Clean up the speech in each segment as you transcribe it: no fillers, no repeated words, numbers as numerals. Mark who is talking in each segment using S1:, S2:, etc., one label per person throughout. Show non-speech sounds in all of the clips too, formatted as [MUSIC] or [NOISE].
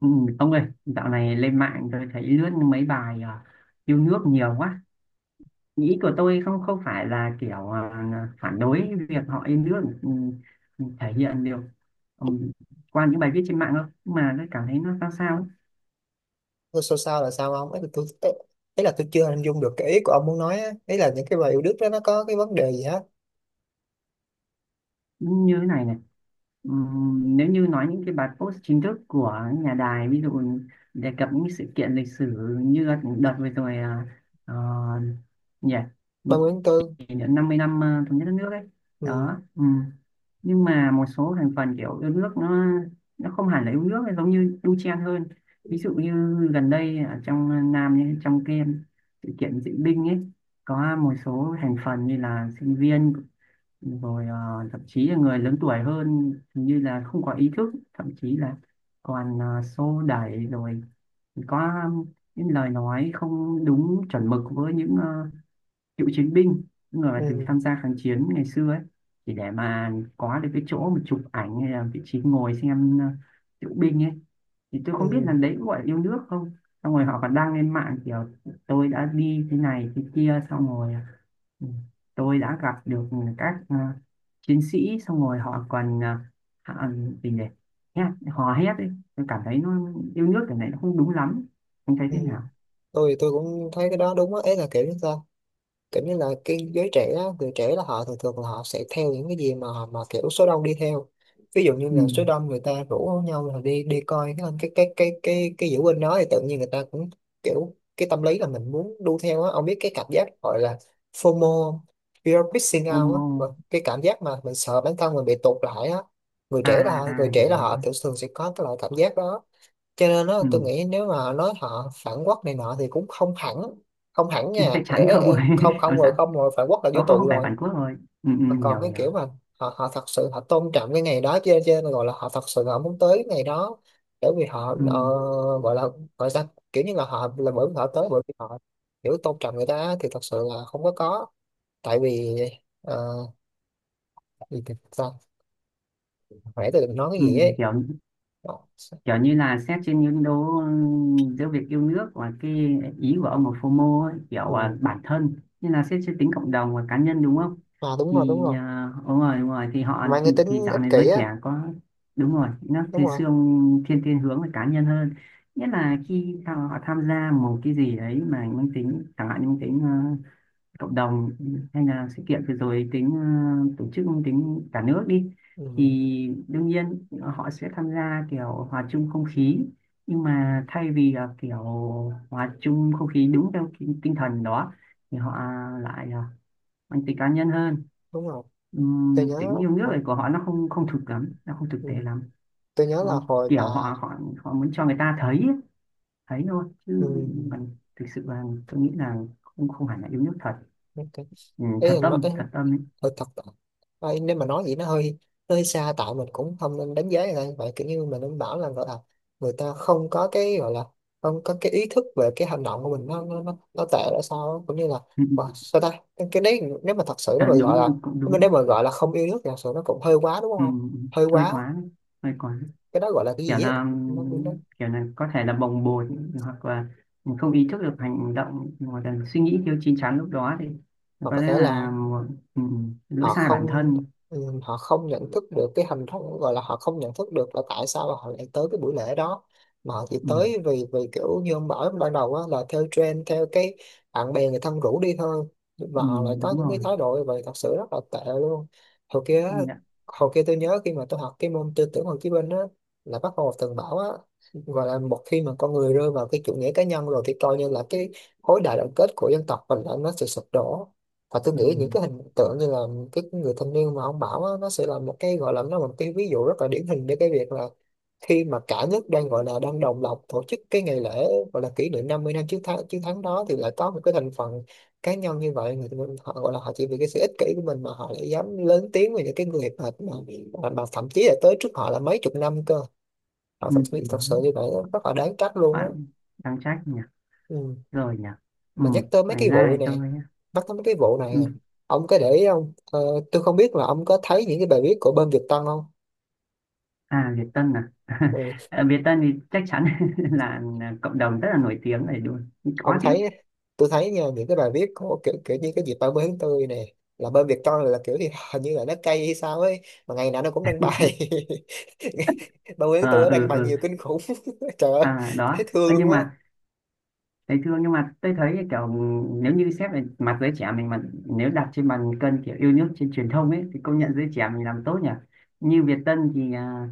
S1: Ừ, ông ơi, dạo này lên mạng tôi thấy lướt mấy bài yêu nước nhiều quá. Ý của tôi không không phải là kiểu phản đối việc họ yêu nước, thể hiện được, ừ, qua những bài viết trên mạng đâu, mà tôi cảm thấy nó sao sao ấy.
S2: Thôi sao sao là sao ông? Ấy là tôi chưa hình dung được cái ý của ông muốn nói á. Ấy là những cái bài yêu Đức đó nó có cái vấn đề gì hết?
S1: Như thế này này. Ừ, nếu như nói những cái bài post chính thức của nhà đài, ví dụ đề cập những sự kiện lịch sử như đợt vừa rồi ờ, nhỉ,
S2: Ba Nguyễn Tư.
S1: kỷ niệm 50 năm thống nhất đất nước ấy.
S2: ừ,
S1: Đó. Ừ, nhưng mà một số thành phần kiểu yêu nước nó không hẳn là yêu nước, nó giống như đu chen hơn. Ví dụ như gần đây ở trong Nam nhé, trong cái sự kiện diễu binh ấy có một số thành phần như là sinh viên, rồi thậm chí là người lớn tuổi hơn, hình như là không có ý thức, thậm chí là còn xô đẩy, rồi có những lời nói không đúng chuẩn mực với những cựu chiến binh, những người mà từng
S2: ừ,
S1: tham gia kháng chiến ngày xưa ấy, chỉ để mà có được cái chỗ mà chụp ảnh hay là vị trí ngồi xem diễu binh ấy. Thì tôi không biết là
S2: ừ,
S1: đấy có gọi là yêu nước không. Xong rồi họ còn đăng lên mạng kiểu tôi đã đi thế này thế kia, xong rồi, ừ, tôi đã gặp được các chiến sĩ, xong rồi họ còn họ, gì nhỉ, hò hét ấy. Tôi cảm thấy nó yêu nước, cái này nó không đúng lắm. Anh thấy
S2: ừ.
S1: thế nào?
S2: Tôi cũng thấy cái đó đúng á. Ấy là kiểu sao, kiểu như là cái giới trẻ á, người trẻ là họ thường thường là họ sẽ theo những cái gì mà kiểu số đông đi theo. Ví dụ như
S1: Ừ.
S2: là số đông người ta rủ nhau là đi đi coi cái diễu binh đó thì tự nhiên người ta cũng kiểu cái tâm lý là mình muốn đu theo á. Ông biết cái cảm giác gọi là FOMO không? Fear of missing out á. Vâng,
S1: Como.
S2: cái cảm giác mà mình sợ bản thân mình bị tụt lại á.
S1: À
S2: Người
S1: à, cái
S2: trẻ là
S1: đấy.
S2: họ thường thường sẽ có cái loại cảm giác đó. Cho nên đó, tôi
S1: Ừ.
S2: nghĩ nếu mà nói họ phản quốc này nọ thì cũng không hẳn, không hẳn nha.
S1: Chắc
S2: Ê,
S1: chắn
S2: ê,
S1: không
S2: ê,
S1: rồi.
S2: không,
S1: [LAUGHS] Làm
S2: không rồi,
S1: sao.
S2: không rồi, phản quốc là vô
S1: Không,
S2: tù
S1: không phải
S2: rồi.
S1: bản Quốc rồi. Ừ, ừ,
S2: Mà
S1: hiểu
S2: còn cái
S1: hiểu.
S2: kiểu mà họ họ thật sự họ tôn trọng cái ngày đó, cho nên gọi là họ thật sự họ muốn tới cái ngày đó, bởi vì họ
S1: Ừ,
S2: gọi là, gọi sao, kiểu như là họ là bởi vì họ tới bởi vì họ hiểu tôn trọng người ta thì thật sự là không có có. Tại vì ờ, gì thì sao khỏe tôi đừng nói cái
S1: ừ,
S2: gì ấy.
S1: kiểu
S2: Ờ,
S1: kiểu như là xét trên những đố, giữa việc yêu nước và cái ý của ông là FOMO ấy, kiểu
S2: ừ.
S1: bản thân, như là xét trên tính cộng đồng và cá nhân, đúng không?
S2: À đúng rồi, đúng
S1: Thì
S2: rồi,
S1: đúng rồi đúng rồi, thì họ,
S2: mang cái tính
S1: thì dạo
S2: ích
S1: này
S2: kỷ
S1: giới
S2: á.
S1: trẻ có, đúng rồi, nó
S2: Đúng
S1: thì
S2: rồi.
S1: xương thiên thiên hướng về cá nhân hơn. Nghĩa là khi họ tham gia một cái gì đấy mà mang tính, chẳng hạn như mang tính cộng đồng, hay là sự kiện vừa rồi tính tổ chức, tính cả nước đi,
S2: Ừ.
S1: thì đương nhiên họ sẽ tham gia kiểu hòa chung không khí. Nhưng
S2: Ừ,
S1: mà thay vì là kiểu hòa chung không khí đúng theo tinh tinh thần đó, thì họ lại mang tính cá nhân hơn.
S2: đúng rồi. Tôi nhớ
S1: Tính yêu nước
S2: hồi-
S1: này của họ nó không không thực lắm, nó không thực
S2: ừ,
S1: tế lắm.
S2: tôi nhớ là
S1: Nó
S2: hồi mà
S1: kiểu họ họ họ muốn cho người ta thấy ấy, thấy thôi
S2: ừ,
S1: chứ còn thực sự là tôi nghĩ là không không hẳn là yêu nước thật.
S2: ok.
S1: Ừ,
S2: Ý là nói ý,
S1: thật tâm ấy.
S2: hơi thật. Ôi, nếu mà nói vậy nó hơi, nó hơi xa, tại mình cũng không nên đánh giá người ta vậy. Kiểu như mình nên bảo là gọi là người ta không có cái gọi là không có cái ý thức về cái hành động của mình, nó nó tệ là sao á. Cũng như là
S1: [LAUGHS]
S2: wow,
S1: Ừ.
S2: sao ta. Cái đấy nếu mà thật sự nếu
S1: À,
S2: mà gọi là,
S1: đúng cũng đúng.
S2: nếu mà gọi là không yêu nước thì thật sự nó cũng hơi quá đúng
S1: ừ,
S2: không? Hơi
S1: Hơi
S2: quá.
S1: quá, hơi quá.
S2: Cái đó gọi là cái
S1: kiểu
S2: gì á?
S1: là
S2: nó, nó,
S1: kiểu là có thể là bồng bột, hoặc là mình không ý thức được hành động, hoặc là suy nghĩ thiếu chín chắn lúc đó, thì
S2: Hoặc
S1: có
S2: có
S1: lẽ
S2: thể là
S1: là một lỗi
S2: họ
S1: sai bản
S2: không,
S1: thân.
S2: ừ, họ không nhận thức được cái hình thức, gọi là họ không nhận thức được là tại sao họ lại tới cái buổi lễ đó, mà họ chỉ
S1: Ừm,
S2: tới vì vì kiểu như ông bảo ban đầu á, là theo trend theo cái bạn bè người thân rủ đi thôi. Và họ lại có
S1: đúng
S2: những cái
S1: rồi,
S2: thái độ như vậy thật sự rất là tệ luôn. hồi kia á,
S1: công nhận.
S2: Hồi kia tôi nhớ khi mà tôi học cái môn tư tưởng Hồ Chí Minh á, là bác Hồ từng bảo á, gọi là một khi mà con người rơi vào cái chủ nghĩa cá nhân rồi thì coi như là cái khối đại đoàn kết của dân tộc mình là nó sẽ sụp đổ. Và tôi nghĩ những
S1: Ừm,
S2: cái hình tượng như là cái người thanh niên mà ông bảo á, nó sẽ là một cái gọi là, nó là một cái ví dụ rất là điển hình để cái việc là khi mà cả nước đang gọi là đang đồng loạt tổ chức cái ngày lễ gọi là kỷ niệm 50 năm chiến thắng, đó thì lại có một cái thành phần cá nhân như vậy, người mình họ gọi là họ chỉ vì cái sự ích kỷ của mình mà họ lại dám lớn tiếng về những cái người mà, mà thậm chí là tới trước họ là mấy chục năm cơ. Thật
S1: đó,
S2: sự như vậy á, rất là đáng trách luôn á.
S1: bạn đang trách nhỉ,
S2: Ừ.
S1: rồi nhỉ.
S2: Mà nhắc tới mấy
S1: Ngoài
S2: cái
S1: ra
S2: vụ
S1: thì tôi,
S2: này, nhắc tới mấy cái vụ này
S1: ừm,
S2: ông có để ý không tôi không biết là ông có thấy những cái bài viết của bên Việt Tân không?
S1: à, Việt Tân à.
S2: Ừ,
S1: [LAUGHS] Ờ, Việt Tân thì chắc chắn [LAUGHS] là cộng đồng rất là nổi tiếng này, đúng không?
S2: ông
S1: Có
S2: thấy,
S1: chứ.
S2: tôi thấy nha những cái bài viết của kiểu kiểu như cái dịp 30 tháng 4 này là bên Việt Tân là kiểu thì hình như là nó cay hay sao ấy, mà ngày nào nó cũng đăng bài [LAUGHS] 30 tháng 4
S1: À,
S2: nó đăng
S1: ừ
S2: bài
S1: ừ.
S2: nhiều kinh khủng. [LAUGHS] Trời ơi,
S1: À, đó.
S2: thấy thương
S1: Ơ,
S2: luôn
S1: nhưng
S2: á.
S1: mà thầy thương, nhưng mà tôi thấy kiểu, nếu như xét về mặt giới trẻ mình, mà nếu đặt trên bàn cân kiểu yêu nước trên truyền thông ấy, thì công nhận
S2: Ừ.
S1: giới trẻ mình làm tốt nhỉ. Như Việt Tân thì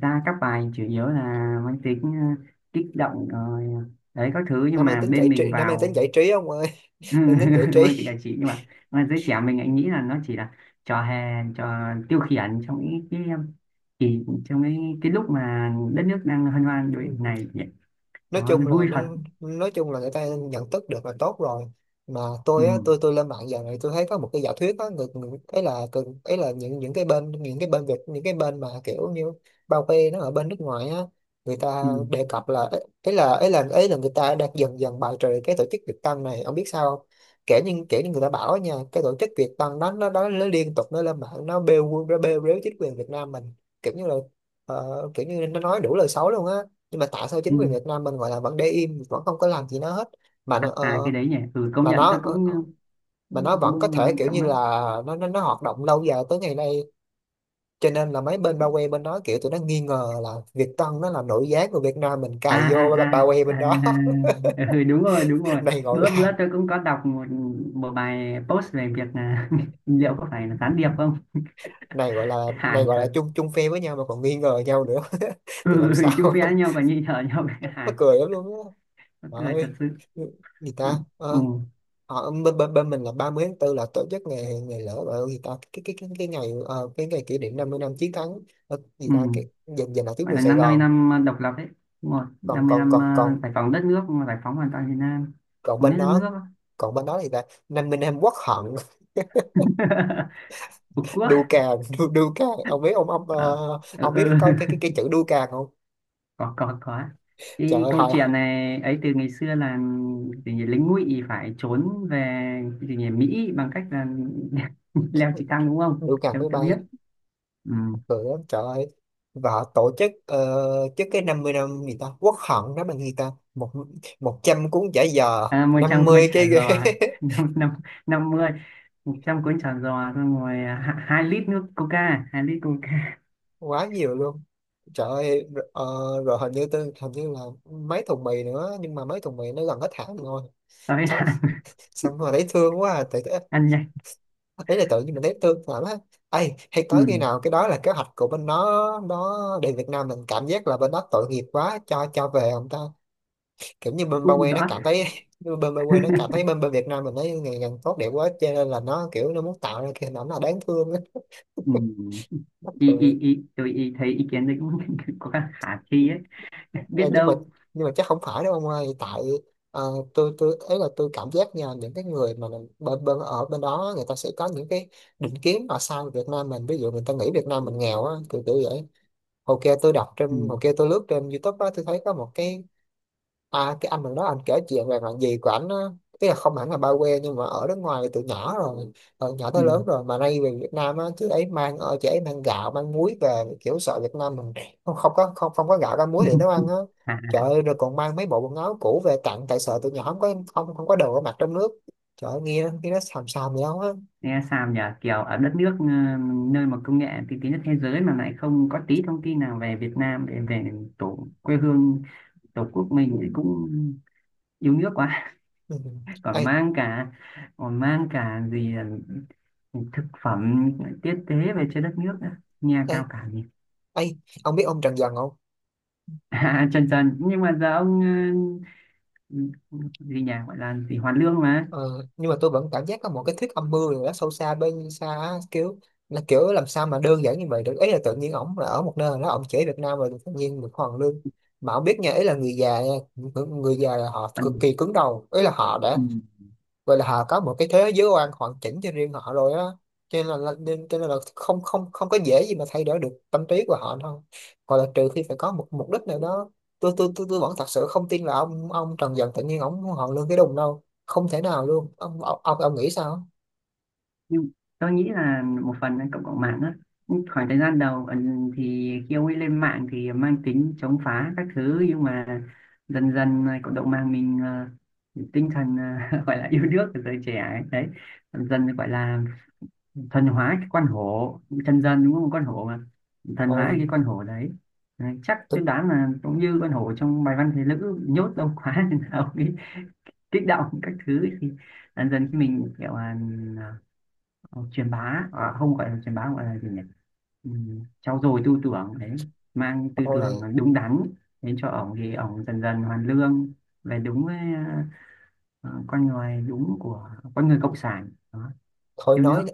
S1: ra các bài chủ yếu là mang tính kích động rồi đấy các thứ,
S2: Nó
S1: nhưng
S2: mang
S1: mà
S2: tính
S1: bên
S2: giải
S1: mình
S2: trí, nó mang tính
S1: vào
S2: giải trí ông ơi, mang tính giải
S1: [LAUGHS] mang tính
S2: trí.
S1: giải trí. Nhưng mà giới trẻ mình lại nghĩ là nó chỉ là trò hề, trò tiêu khiển trong những cái trong cái lúc mà đất nước đang hân hoan như
S2: Ừ.
S1: này.
S2: Nói
S1: Đó,
S2: chung là
S1: vui
S2: nó,
S1: thật.
S2: nói chung là người ta nhận thức được là tốt rồi. Mà tôi á,
S1: Ừ.
S2: tôi lên mạng giờ này tôi thấy có một cái giả thuyết á. Người, người ấy là ấy là những cái bên, những cái bên Việt, những cái bên mà kiểu như bao bê nó ở bên nước ngoài á, người ta
S1: Ừ.
S2: đề cập là ấy ấy là ấy là ấy là người ta đang dần dần bài trừ cái tổ chức Việt Tân này, ông biết sao không? Kể như, người ta bảo nha, cái tổ chức Việt Tân đó nó liên tục nó lên mạng, nó bêu, rếu chính quyền Việt Nam mình, kiểu như là kiểu như nó nói đủ lời xấu luôn á. Nhưng mà tại sao chính
S1: Ừ.
S2: quyền Việt Nam mình gọi là vẫn để im, vẫn không có làm gì nó hết, mà nó-
S1: À, à,
S2: ờ,
S1: cái đấy nhỉ. Ừ, Công
S2: mà
S1: nhận
S2: nó
S1: tôi
S2: ờ,
S1: cũng,
S2: ờ, mà
S1: cũng,
S2: nó vẫn có
S1: cũng
S2: thể
S1: ngon
S2: kiểu
S1: trong
S2: như
S1: mắt.
S2: là nó hoạt động lâu dài tới ngày nay, cho nên là mấy bên bao quanh bên đó kiểu tụi nó nghi ngờ là Việt Tân nó là nội gián của Việt Nam mình
S1: À
S2: cài
S1: à
S2: vô, bao quanh
S1: à
S2: bên
S1: à
S2: đó.
S1: à. Ừ, đúng rồi đúng
S2: [LAUGHS]
S1: rồi.
S2: Này gọi
S1: bữa
S2: là,
S1: bữa tôi cũng có đọc một một bài post về việc là [LAUGHS] liệu có phải là gián điệp không.
S2: này
S1: Hài
S2: gọi là
S1: thật.
S2: chung, phe với nhau mà còn nghi ngờ nhau nữa [LAUGHS]
S1: Ừ,
S2: thì làm sao.
S1: chung phe nhau còn nhị thở nhau [LAUGHS] cái
S2: [LAUGHS] Mắc
S1: hài.
S2: cười lắm luôn á.
S1: Mắc
S2: Trời
S1: cười thật
S2: ơi,
S1: sự.
S2: gì
S1: Ừ
S2: ta.
S1: ừ
S2: Ờ, Ờ, bên mình là 30 tháng tư là tổ chức ngày ngày lễ gọi là gì ta, cái ngày cái ngày kỷ niệm 50 năm chiến thắng, gì ta,
S1: ừ.
S2: cái dành, lại tuyến
S1: Vậy
S2: đường
S1: là
S2: Sài
S1: năm 50
S2: Gòn.
S1: năm độc lập đấy. Đúng rồi
S2: Còn
S1: 50
S2: còn
S1: năm
S2: còn còn
S1: giải phóng đất nước, giải phóng hoàn toàn Việt Nam,
S2: Còn
S1: thống
S2: bên
S1: nhất đất
S2: đó,
S1: nước.
S2: thì ta 50 năm quốc hận.
S1: [LAUGHS] Phục
S2: [LAUGHS]
S1: quốc.
S2: Đu cà, đu cà. Ông biết ông,
S1: Ờ, ừ,
S2: ông biết
S1: ừ,
S2: cái
S1: [LAUGHS]
S2: chữ đu cà không?
S1: có có.
S2: Trời
S1: Cái
S2: ơi,
S1: câu chuyện này ấy từ ngày xưa là gì nhỉ, lính ngụy phải trốn về cái gì nhỉ, Mỹ, bằng cách là [LAUGHS] leo trực thăng, đúng không
S2: đu cà máy
S1: em ta
S2: bay,
S1: biết. Ừ.
S2: cười lắm trời ơi. Và họ tổ chức trước cái 50 năm gì ta quốc hận đó mà người ta một, một trăm cuốn giải,
S1: À, một
S2: năm
S1: trăm cuốn
S2: mươi cái
S1: chả
S2: ghế.
S1: giò [LAUGHS] năm năm 50 100 cuốn chả giò, xong rồi 2 lít coca.
S2: [LAUGHS] Quá nhiều luôn. Trời ơi rồi, rồi hình như tôi, hình như là mấy thùng mì nữa, nhưng mà mấy thùng mì nó gần hết hạn rồi.
S1: [LAUGHS] Tới
S2: Sao
S1: là
S2: sao mà thấy thương quá à. Tự,
S1: ăn nhanh.
S2: ấy là tự nhiên mình thấy thương lắm á. Ấy hay
S1: Ừ.
S2: tới khi nào cái đó là kế hoạch của bên nó đến Việt Nam mình cảm giác là bên đó tội nghiệp quá cho, về không ta? Kiểu như bên Ba
S1: Cũng không
S2: Que nó
S1: rõ.
S2: cảm thấy [LAUGHS] như bên Ba Que nó cảm thấy bên, Việt Nam mình nó ngày càng tốt đẹp quá cho nên là nó kiểu nó muốn tạo ra cái hình ảnh là đáng thương á.
S1: Ừ.
S2: Mắc
S1: ý,
S2: cười.
S1: ý, ý, tôi ý thấy ý kiến đấy cũng [LAUGHS] có khả thi ấy. Biết
S2: Ờ, nhưng mà,
S1: đâu.
S2: chắc không phải đâu ông ơi, tại ờ, tôi ấy là tôi cảm giác nha những cái người mà bên, ở bên đó người ta sẽ có những cái định kiến mà sao Việt Nam mình, ví dụ người ta nghĩ Việt Nam mình nghèo á, kiểu kiểu vậy.
S1: Ừ.
S2: Hồi kia tôi lướt trên YouTube á, tôi thấy có một cái. À, cái anh mình đó anh kể chuyện về bạn gì của ảnh á, tức là không hẳn là ba quê nhưng mà ở nước ngoài từ nhỏ rồi, từ nhỏ
S1: Ừ.
S2: tới lớn rồi, mà nay về Việt Nam á. Chứ ấy mang ở chị ấy mang gạo mang muối về kiểu sợ Việt Nam mình không, không có gạo ra muối để nấu
S1: [LAUGHS]
S2: ăn á.
S1: À,
S2: Trời ơi rồi còn mang mấy bộ quần áo cũ về tặng tại sợ tụi nhỏ không có, không không có đồ ở mặt trong nước. Trời ơi, nghe, nó xàm xàm gì đâu á.
S1: nghe sao nhỉ, kiểu ở đất nước nơi mà công nghệ tiên tiến nhất thế giới mà lại không có tí thông tin nào về Việt Nam để về tổ quê hương tổ quốc mình thì cũng yêu nước quá.
S2: Ừ.
S1: [LAUGHS] còn
S2: ê
S1: mang cả Còn mang cả gì là thực phẩm tiết tế về cho đất nước nữa, nghe
S2: ê
S1: cao cả nhỉ.
S2: ê ông biết ông Trần Dần không?
S1: [LAUGHS] À, trần trần, nhưng mà giờ ông, ờ, gì nhỉ, gọi là gì, Hoàn Lương mà.
S2: Ờ, nhưng mà tôi vẫn cảm giác có một cái thuyết âm mưu nào đó sâu xa bên xa á, kiểu là kiểu làm sao mà đơn giản như vậy được, ý là tự nhiên ổng là ở một nơi đó ổng chỉ Việt Nam rồi tự nhiên được hoàn lương mà ổng biết nha. Ý là người già nha, người già là họ cực
S1: Còn,
S2: kỳ cứng đầu, ý là họ đã
S1: ừ,
S2: vậy là họ có một cái thế giới quan hoàn chỉnh cho riêng họ rồi á, cho nên là- nên cho nên là không không không có dễ gì mà thay đổi được tâm trí của họ đâu, hoặc là trừ khi phải có một mục đích nào đó. Tôi vẫn thật sự không tin là ông Trần Dần tự nhiên ông họ lương cái đùng đâu, không thể nào luôn. Ông nghĩ sao?
S1: nhưng tôi nghĩ là một phần là cộng đồng mạng đó. Nhưng khoảng thời gian đầu thì khi ông ấy lên mạng thì mang tính chống phá các thứ, nhưng mà dần dần là cộng đồng mạng mình, tinh thần [LAUGHS] gọi là yêu nước của giới trẻ ấy. Đấy, dần dần gọi là thần hóa cái con hổ chân dân, đúng không, con hổ mà, thần hóa
S2: thôi
S1: cái con hổ đấy. Đấy, chắc tôi
S2: tôi,
S1: đoán là cũng như con hổ trong bài văn Thế Lữ nhốt lâu quá [LAUGHS] nên là ông ấy kích động các thứ, thì dần dần khi mình kiểu là Ờ, truyền bá, không, gọi là truyền bá, gọi là gì nhỉ, ừ, trau dồi tư tưởng đấy, mang tư tưởng
S2: thôi
S1: đúng đắn đến cho ổng thì ổng dần dần hoàn lương, về đúng với ờ, con người đúng của con người cộng sản đó,
S2: thôi
S1: yêu
S2: nói
S1: nước.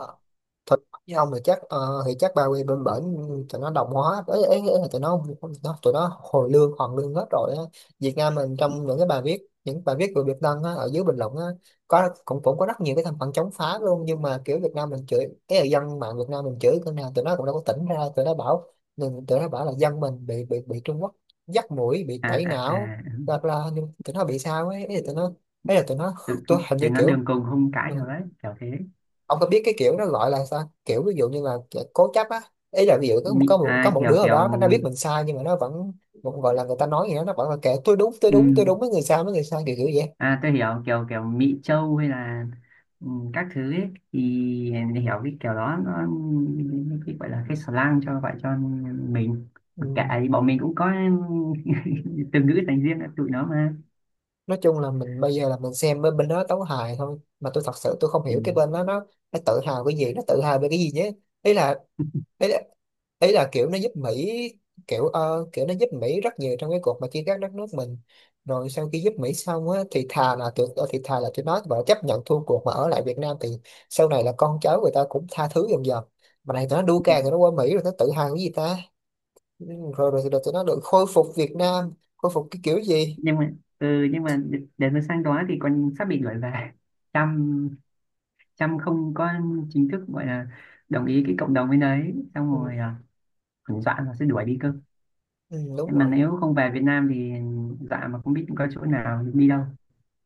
S2: thật với ông thì chắc thì chắc ba quê bên bển tụi nó đồng hóa, ấy là tụi nó tụi nó hồi lương hoàn lương hết rồi á. Việt Nam mình trong những cái bài viết, những bài viết của Việt Tân á, ở dưới bình luận á, có cũng cũng có rất nhiều cái thành phần chống phá luôn, nhưng mà kiểu Việt Nam mình chửi, cái là dân mạng Việt Nam mình chửi cái nào tụi nó cũng đâu có tỉnh ra. Tụi nó bảo tụi nó bảo là dân mình bị Trung Quốc dắt mũi, bị
S1: À
S2: tẩy
S1: à
S2: não,
S1: à.
S2: bla bla, nhưng tụi nó bị sao, ấy ấy là tụi nó, ấy là tụi nó.
S1: Tự
S2: Tôi hình
S1: thế
S2: như
S1: nó
S2: kiểu
S1: đường cùng không cãi
S2: ờ,
S1: được đấy, kiểu thế.
S2: ông có biết cái kiểu nó gọi là sao kiểu ví dụ như là cố chấp á, ý là ví dụ có
S1: Mị,
S2: có một có một đứa
S1: kiểu
S2: ở
S1: kiểu
S2: đó nó đã biết mình sai nhưng mà nó vẫn vẫn gọi là người ta nói gì đó nó vẫn là kệ, tôi đúng tôi
S1: ừ,
S2: đúng tôi đúng, với người sai với người sai, kiểu kiểu vậy.
S1: À, tôi hiểu. Kiểu kiểu Mỹ Châu hay là, ừ, các thứ ấy, thì để hiểu cái kiểu đó nó, cái gọi là cái slang cho gọi cho mình.
S2: Ừ.
S1: Mặc kệ thì bọn mình cũng có [LAUGHS] từ ngữ dành riêng cho tụi nó mà.
S2: Nói chung là mình bây giờ là mình xem bên bên đó tấu hài thôi, mà tôi thật sự tôi không
S1: Ừ.
S2: hiểu cái bên đó nó tự hào cái gì, nó tự hào về cái gì nhé. Ý là ý là, ý là kiểu nó giúp Mỹ, kiểu kiểu nó giúp Mỹ rất nhiều trong cái cuộc mà chia cắt đất nước mình, rồi sau khi giúp Mỹ xong á thì thà là thì thà là tụi nó và chấp nhận thua cuộc mà ở lại Việt Nam thì sau này là con cháu người ta cũng tha thứ dần dần, mà này tụi nó đua càng tụi nó qua Mỹ rồi nó tự hào cái gì ta. Ừ, rồi rồi, rồi tụi nó được khôi phục, Việt Nam khôi phục cái kiểu gì.
S1: Nhưng mà, để mà sang đó thì còn sắp bị đuổi về. Trump Trump không có chính thức gọi là đồng ý cái cộng đồng bên đấy, xong rồi
S2: ừ,
S1: còn dọa là sẽ đuổi đi cơ.
S2: ừ, Đúng
S1: Mà
S2: rồi.
S1: nếu không về Việt Nam thì, dọa mà không biết có chỗ nào đi đâu.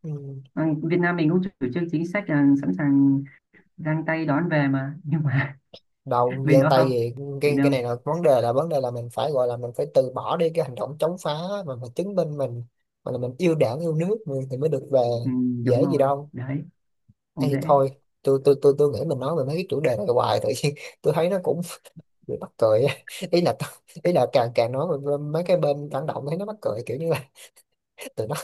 S2: Ừ.
S1: Ừ, Việt Nam mình cũng chủ trương chính sách là sẵn sàng giang tay đón về mà, nhưng mà [LAUGHS]
S2: Đầu
S1: bên
S2: gian
S1: đó
S2: tay
S1: không
S2: gì,
S1: thì
S2: cái
S1: đâu.
S2: này là vấn đề là mình phải gọi là mình phải từ bỏ đi cái hành động chống phá mà mình chứng minh mình, mà là mình yêu đảng yêu nước mình thì mới được về,
S1: Ừ, đúng
S2: dễ gì
S1: rồi.
S2: đâu.
S1: Đấy,
S2: Hay
S1: không
S2: thì
S1: dễ.
S2: thôi. Tôi nghĩ mình nói về mấy cái chủ đề này hoài tự nhiên [LAUGHS] tôi thấy nó cũng [LAUGHS] bị mắc cười á. ý là ý là càng càng nói về mấy cái bên phản động thấy nó mắc cười kiểu như là [LAUGHS] tụi nó,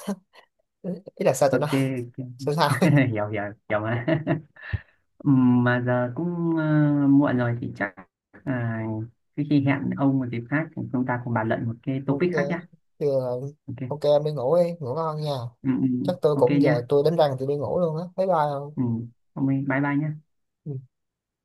S2: ý là sao tụi nó,
S1: Ok, ok.
S2: sao sao.
S1: [LAUGHS] Hiểu hiểu, hiểu mà. [LAUGHS] Ừ, mà giờ cũng muộn rồi thì chắc, à, cái, khi hẹn ông một dịp khác thì chúng ta cùng bàn luận một cái
S2: [LAUGHS] OK.
S1: topic khác nhá.
S2: Thì là- OK,
S1: Ok.
S2: em đi ngủ, đi ngủ ngon nha.
S1: Ừ, ừ.
S2: Chắc tôi
S1: Ok
S2: cũng giờ
S1: nhá.
S2: tôi đánh răng tôi đi ngủ luôn á, bye bye không?
S1: Ừ, ông ơi, bye bye nhá.
S2: Ừ.